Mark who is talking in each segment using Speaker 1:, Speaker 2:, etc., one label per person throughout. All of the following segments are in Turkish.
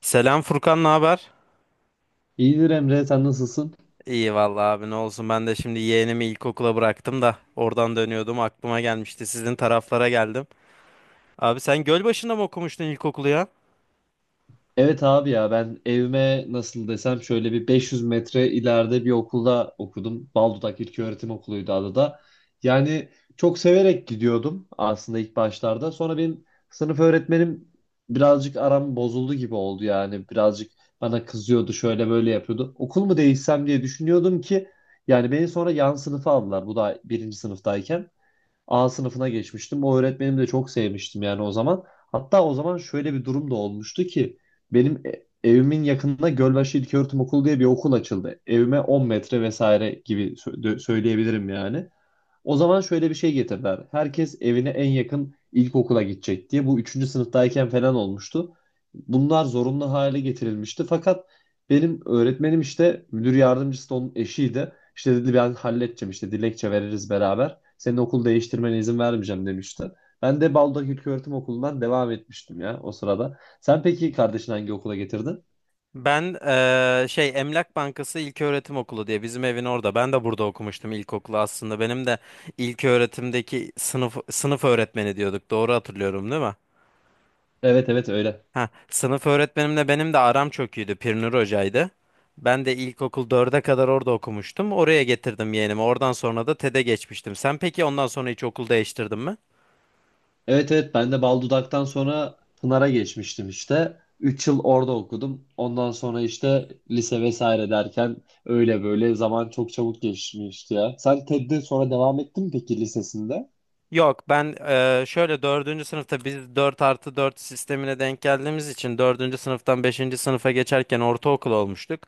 Speaker 1: Selam Furkan, ne haber?
Speaker 2: İyidir Emre, sen nasılsın?
Speaker 1: İyi vallahi abi ne olsun ben de şimdi yeğenimi ilkokula bıraktım da oradan dönüyordum aklıma gelmişti sizin taraflara geldim. Abi sen Gölbaşı'nda mı okumuştun ilkokulu ya?
Speaker 2: Evet abi ya ben evime nasıl desem şöyle bir 500 metre ileride bir okulda okudum. Baldudak İlköğretim Okulu'ydu adı da. Yani çok severek gidiyordum aslında ilk başlarda. Sonra benim sınıf öğretmenim birazcık aram bozuldu gibi oldu yani. Birazcık bana kızıyordu, şöyle böyle yapıyordu. Okul mu değişsem diye düşünüyordum ki yani beni sonra yan sınıfa aldılar. Bu da birinci sınıftayken. A sınıfına geçmiştim. O öğretmenimi de çok sevmiştim yani o zaman. Hatta o zaman şöyle bir durum da olmuştu ki benim evimin yakınında Gölbaşı İlköğretim Okulu diye bir okul açıldı. Evime 10 metre vesaire gibi söyleyebilirim yani. O zaman şöyle bir şey getirdiler. Herkes evine en yakın ilkokula gidecek diye. Bu üçüncü sınıftayken falan olmuştu. Bunlar zorunlu hale getirilmişti. Fakat benim öğretmenim işte müdür yardımcısı da onun eşiydi. İşte dedi ben halledeceğim işte dilekçe veririz beraber. Senin okul değiştirmene izin vermeyeceğim demişti. Ben de Baldak İlköğretim Okulu'ndan devam etmiştim ya o sırada. Sen peki kardeşini hangi okula getirdin?
Speaker 1: Ben şey Emlak Bankası İlköğretim Okulu diye bizim evin orada. Ben de burada okumuştum ilkokulu aslında. Benim de ilköğretimdeki sınıf öğretmeni diyorduk. Doğru hatırlıyorum değil mi?
Speaker 2: Evet evet öyle.
Speaker 1: Ha, sınıf öğretmenimle benim de aram çok iyiydi. Pirnur Hoca'ydı. Ben de ilkokul dörde kadar orada okumuştum. Oraya getirdim yeğenimi. Oradan sonra da TED'e geçmiştim. Sen peki ondan sonra hiç okul değiştirdin mi?
Speaker 2: Evet evet ben de bal dudaktan sonra Pınar'a geçmiştim işte. 3 yıl orada okudum. Ondan sonra işte lise vesaire derken öyle böyle zaman çok çabuk geçmişti ya. Sen TED'de sonra devam ettin mi peki lisesinde?
Speaker 1: Yok ben şöyle dördüncü sınıfta biz 4 artı 4 sistemine denk geldiğimiz için dördüncü sınıftan beşinci sınıfa geçerken ortaokul olmuştuk.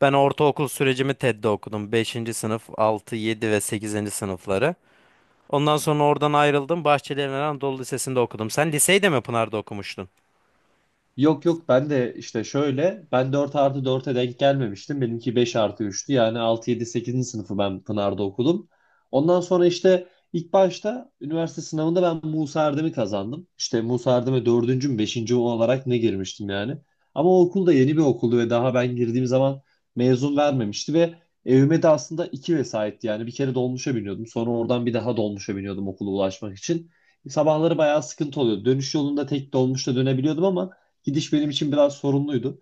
Speaker 1: Ben ortaokul sürecimi TED'de okudum. Beşinci sınıf, 6 7 ve sekizinci sınıfları. Ondan sonra oradan ayrıldım. Bahçeli Evren Anadolu Lisesi'nde okudum. Sen liseyi de mi Pınar'da okumuştun?
Speaker 2: Yok yok ben de işte şöyle ben 4 artı 4'e denk gelmemiştim. Benimki 5 artı 3'tü yani 6 7 8. sınıfı ben Pınar'da okudum. Ondan sonra işte ilk başta üniversite sınavında ben Musa Erdem'i kazandım. İşte Musa Erdem'e 4. mü 5. olarak ne girmiştim yani. Ama o okul da yeni bir okuldu ve daha ben girdiğim zaman mezun vermemişti ve evime de aslında iki vesayetti yani bir kere dolmuşa biniyordum. Sonra oradan bir daha dolmuşa biniyordum okula ulaşmak için. Sabahları bayağı sıkıntı oluyordu. Dönüş yolunda tek dolmuşla dönebiliyordum, ama gidiş benim için biraz sorunluydu.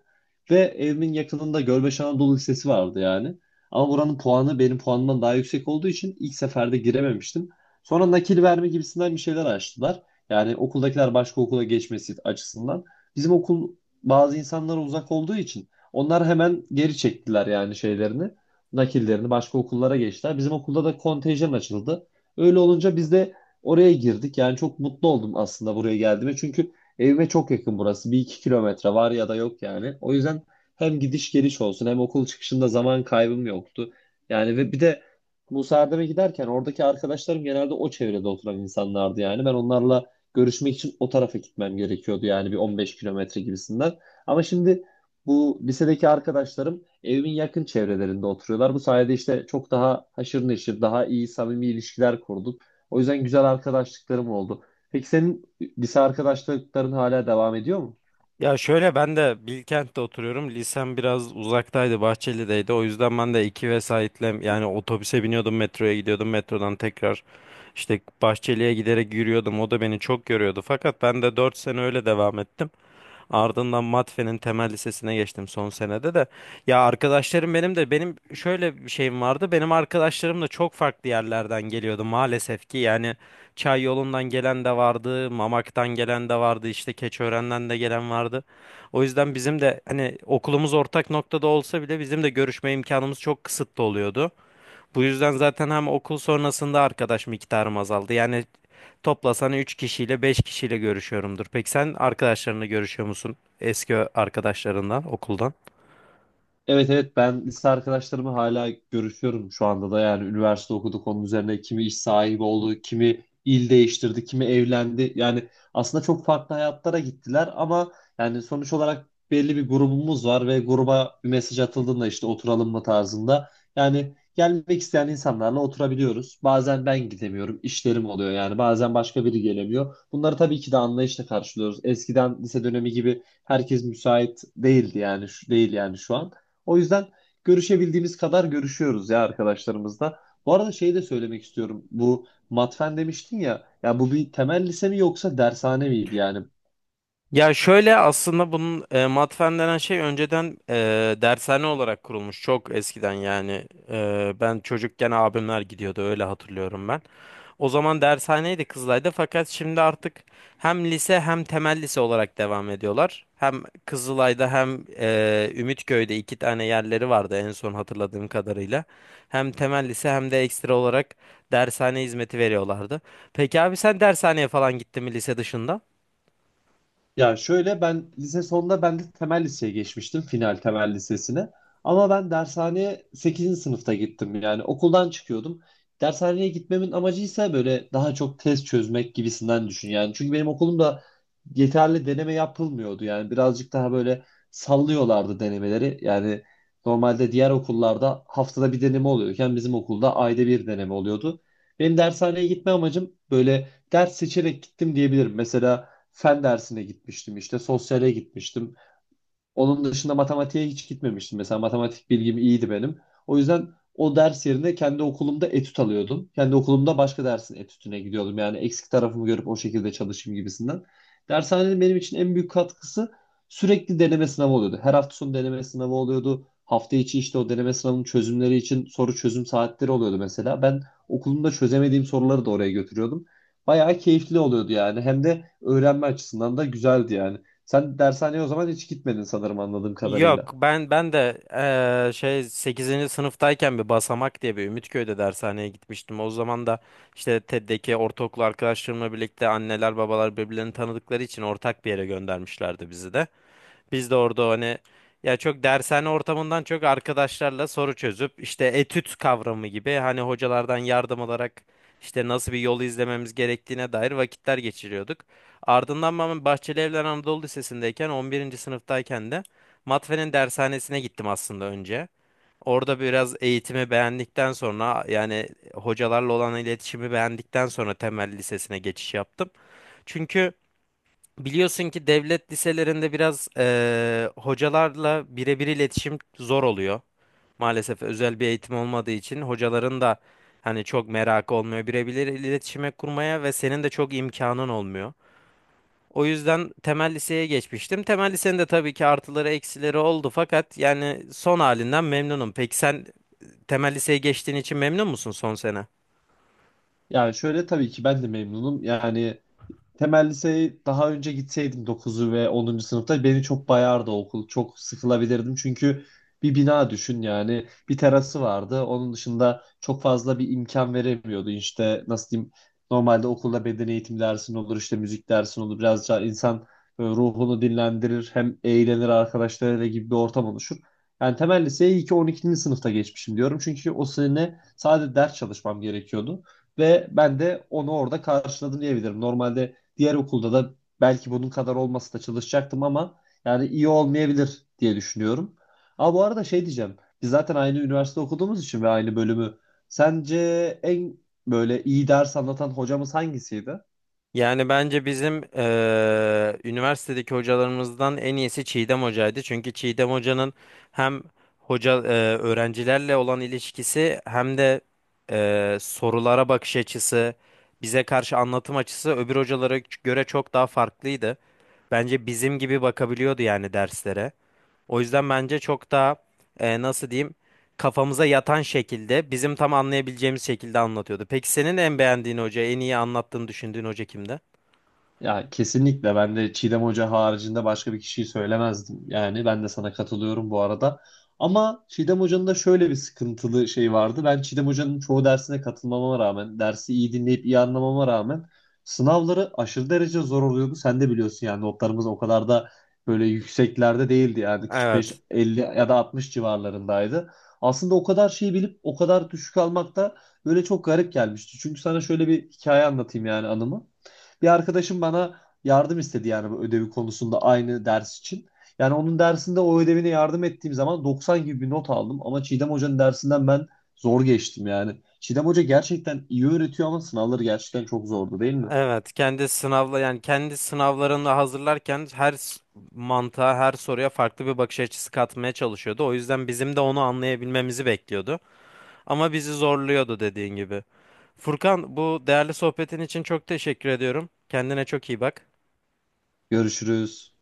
Speaker 2: Ve evimin yakınında Gölbaşı Anadolu Lisesi vardı yani. Ama buranın puanı benim puanımdan daha yüksek olduğu için ilk seferde girememiştim. Sonra nakil verme gibisinden bir şeyler açtılar. Yani okuldakiler başka okula geçmesi açısından. Bizim okul bazı insanlara uzak olduğu için onlar hemen geri çektiler yani şeylerini. Nakillerini başka okullara geçtiler. Bizim okulda da kontenjan açıldı. Öyle olunca biz de oraya girdik. Yani çok mutlu oldum aslında buraya geldiğime. Çünkü evime çok yakın burası. Bir iki kilometre var ya da yok yani. O yüzden hem gidiş geliş olsun hem okul çıkışında zaman kaybım yoktu. Yani ve bir de bu Serdem'e giderken oradaki arkadaşlarım genelde o çevrede oturan insanlardı yani. Ben onlarla görüşmek için o tarafa gitmem gerekiyordu yani bir 15 kilometre gibisinden. Ama şimdi bu lisedeki arkadaşlarım evimin yakın çevrelerinde oturuyorlar. Bu sayede işte çok daha haşır neşir, daha iyi samimi ilişkiler kurduk. O yüzden güzel arkadaşlıklarım oldu. Peki senin lise arkadaşlıkların hala devam ediyor mu?
Speaker 1: Ya şöyle ben de Bilkent'te oturuyorum. Lisem biraz uzaktaydı, Bahçeli'deydi. O yüzden ben de iki vesaitle yani otobüse biniyordum, metroya gidiyordum. Metrodan tekrar işte Bahçeli'ye giderek yürüyordum. O da beni çok yoruyordu. Fakat ben de 4 sene öyle devam ettim. Ardından Matfe'nin temel lisesine geçtim son senede de. Ya arkadaşlarım benim de benim şöyle bir şeyim vardı. Benim arkadaşlarım da çok farklı yerlerden geliyordu maalesef ki. Yani Çay yolundan gelen de vardı, Mamak'tan gelen de vardı, işte Keçiören'den de gelen vardı. O yüzden bizim de hani okulumuz ortak noktada olsa bile bizim de görüşme imkanımız çok kısıtlı oluyordu. Bu yüzden zaten hem okul sonrasında arkadaş miktarım azaldı. Yani toplasan 3 kişiyle 5 kişiyle görüşüyorumdur. Peki sen arkadaşlarını görüşüyor musun? Eski arkadaşlarından, okuldan?
Speaker 2: Evet evet ben lise arkadaşlarımı hala görüşüyorum şu anda da yani üniversite okuduk onun üzerine kimi iş sahibi oldu, kimi il değiştirdi, kimi evlendi. Yani aslında çok farklı hayatlara gittiler ama yani sonuç olarak belli bir grubumuz var ve gruba bir mesaj atıldığında işte oturalım mı tarzında. Yani gelmek isteyen insanlarla oturabiliyoruz. Bazen ben gidemiyorum, işlerim oluyor yani bazen başka biri gelemiyor. Bunları tabii ki de anlayışla karşılıyoruz. Eskiden lise dönemi gibi herkes müsait değildi yani şu değil yani şu an. O yüzden görüşebildiğimiz kadar görüşüyoruz ya arkadaşlarımızla. Bu arada şeyi de söylemek istiyorum. Bu matfen demiştin ya. Ya bu bir temel lise mi yoksa dershane miydi yani?
Speaker 1: Ya şöyle aslında bunun matfen denen şey önceden dershane olarak kurulmuş çok eskiden yani ben çocukken abimler gidiyordu öyle hatırlıyorum ben. O zaman dershaneydi Kızılay'da fakat şimdi artık hem lise hem temel lise olarak devam ediyorlar. Hem Kızılay'da hem Ümitköy'de iki tane yerleri vardı en son hatırladığım kadarıyla. Hem temel lise hem de ekstra olarak dershane hizmeti veriyorlardı. Peki abi sen dershaneye falan gittin mi lise dışında?
Speaker 2: Ya şöyle ben lise sonunda ben de temel liseye geçmiştim. Final temel lisesine. Ama ben dershaneye sekizinci sınıfta gittim. Yani okuldan çıkıyordum. Dershaneye gitmemin amacı ise böyle daha çok test çözmek gibisinden düşün. Yani çünkü benim okulumda yeterli deneme yapılmıyordu. Yani birazcık daha böyle sallıyorlardı denemeleri. Yani normalde diğer okullarda haftada bir deneme oluyorken bizim okulda ayda bir deneme oluyordu. Benim dershaneye gitme amacım böyle ders seçerek gittim diyebilirim. Mesela fen dersine gitmiştim işte sosyale gitmiştim. Onun dışında matematiğe hiç gitmemiştim. Mesela matematik bilgim iyiydi benim. O yüzden o ders yerine kendi okulumda etüt alıyordum. Kendi okulumda başka dersin etütüne gidiyordum. Yani eksik tarafımı görüp o şekilde çalışayım gibisinden. Dershanenin benim için en büyük katkısı sürekli deneme sınavı oluyordu. Her hafta sonu deneme sınavı oluyordu. Hafta içi işte o deneme sınavının çözümleri için soru çözüm saatleri oluyordu mesela. Ben okulumda çözemediğim soruları da oraya götürüyordum. Bayağı keyifli oluyordu yani. Hem de öğrenme açısından da güzeldi yani. Sen dershaneye o zaman hiç gitmedin sanırım anladığım
Speaker 1: Yok
Speaker 2: kadarıyla.
Speaker 1: ben de şey sekizinci sınıftayken bir Basamak diye bir Ümitköy'de dershaneye gitmiştim. O zaman da işte TED'deki ortaokul arkadaşlarımla birlikte anneler babalar birbirlerini tanıdıkları için ortak bir yere göndermişlerdi bizi de. Biz de orada hani ya çok dershane ortamından çok arkadaşlarla soru çözüp işte etüt kavramı gibi hani hocalardan yardım alarak işte nasıl bir yolu izlememiz gerektiğine dair vakitler geçiriyorduk. Ardından ben Bahçeli Evler Anadolu Lisesi'ndeyken 11. sınıftayken de Matfe'nin dershanesine gittim aslında önce. Orada biraz eğitimi beğendikten sonra yani hocalarla olan iletişimi beğendikten sonra temel lisesine geçiş yaptım. Çünkü biliyorsun ki devlet liselerinde biraz hocalarla birebir iletişim zor oluyor. Maalesef özel bir eğitim olmadığı için hocaların da hani çok merakı olmuyor birebir iletişime kurmaya ve senin de çok imkanın olmuyor. O yüzden temel liseye geçmiştim. Temel lisenin de tabii ki artıları eksileri oldu fakat yani son halinden memnunum. Peki sen temel liseye geçtiğin için memnun musun son sene?
Speaker 2: Yani şöyle tabii ki ben de memnunum. Yani temel liseye daha önce gitseydim 9'u ve 10. sınıfta beni çok bayardı okul. Çok sıkılabilirdim çünkü bir bina düşün yani bir terası vardı. Onun dışında çok fazla bir imkan veremiyordu. İşte nasıl diyeyim normalde okulda beden eğitim dersin olur işte müzik dersin olur. Biraz daha insan böyle ruhunu dinlendirir hem eğlenir arkadaşlarıyla gibi bir ortam oluşur. Yani temel liseye iyi ki 12. sınıfta geçmişim diyorum. Çünkü o sene sadece ders çalışmam gerekiyordu. Ve ben de onu orada karşıladım diyebilirim. Normalde diğer okulda da belki bunun kadar olmasa da çalışacaktım ama yani iyi olmayabilir diye düşünüyorum. Ama bu arada şey diyeceğim. Biz zaten aynı üniversite okuduğumuz için ve aynı bölümü. Sence en böyle iyi ders anlatan hocamız hangisiydi?
Speaker 1: Yani bence bizim üniversitedeki hocalarımızdan en iyisi Çiğdem Hoca'ydı. Çünkü Çiğdem Hoca'nın hem hoca öğrencilerle olan ilişkisi hem de sorulara bakış açısı, bize karşı anlatım açısı öbür hocalara göre çok daha farklıydı. Bence bizim gibi bakabiliyordu yani derslere. O yüzden bence çok daha nasıl diyeyim kafamıza yatan şekilde bizim tam anlayabileceğimiz şekilde anlatıyordu. Peki senin en beğendiğin hoca, en iyi anlattığını düşündüğün hoca kimdi?
Speaker 2: Ya kesinlikle ben de Çiğdem Hoca haricinde başka bir kişiyi söylemezdim. Yani ben de sana katılıyorum bu arada. Ama Çiğdem Hoca'nın da şöyle bir sıkıntılı şey vardı. Ben Çiğdem Hoca'nın çoğu dersine katılmama rağmen, dersi iyi dinleyip iyi anlamama rağmen sınavları aşırı derece zor oluyordu. Sen de biliyorsun yani notlarımız o kadar da böyle yükseklerde değildi. Yani 45,
Speaker 1: Evet.
Speaker 2: 50 ya da 60 civarlarındaydı. Aslında o kadar şeyi bilip o kadar düşük almak da böyle çok garip gelmişti. Çünkü sana şöyle bir hikaye anlatayım yani anımı. Bir arkadaşım bana yardım istedi yani bu ödevi konusunda aynı ders için. Yani onun dersinde o ödevine yardım ettiğim zaman 90 gibi bir not aldım. Ama Çiğdem Hoca'nın dersinden ben zor geçtim yani. Çiğdem Hoca gerçekten iyi öğretiyor ama sınavları gerçekten çok zordu değil mi?
Speaker 1: Evet. Kendi sınavla yani kendi sınavlarını hazırlarken mantığa, her soruya farklı bir bakış açısı katmaya çalışıyordu. O yüzden bizim de onu anlayabilmemizi bekliyordu. Ama bizi zorluyordu dediğin gibi. Furkan, bu değerli sohbetin için çok teşekkür ediyorum. Kendine çok iyi bak.
Speaker 2: Görüşürüz.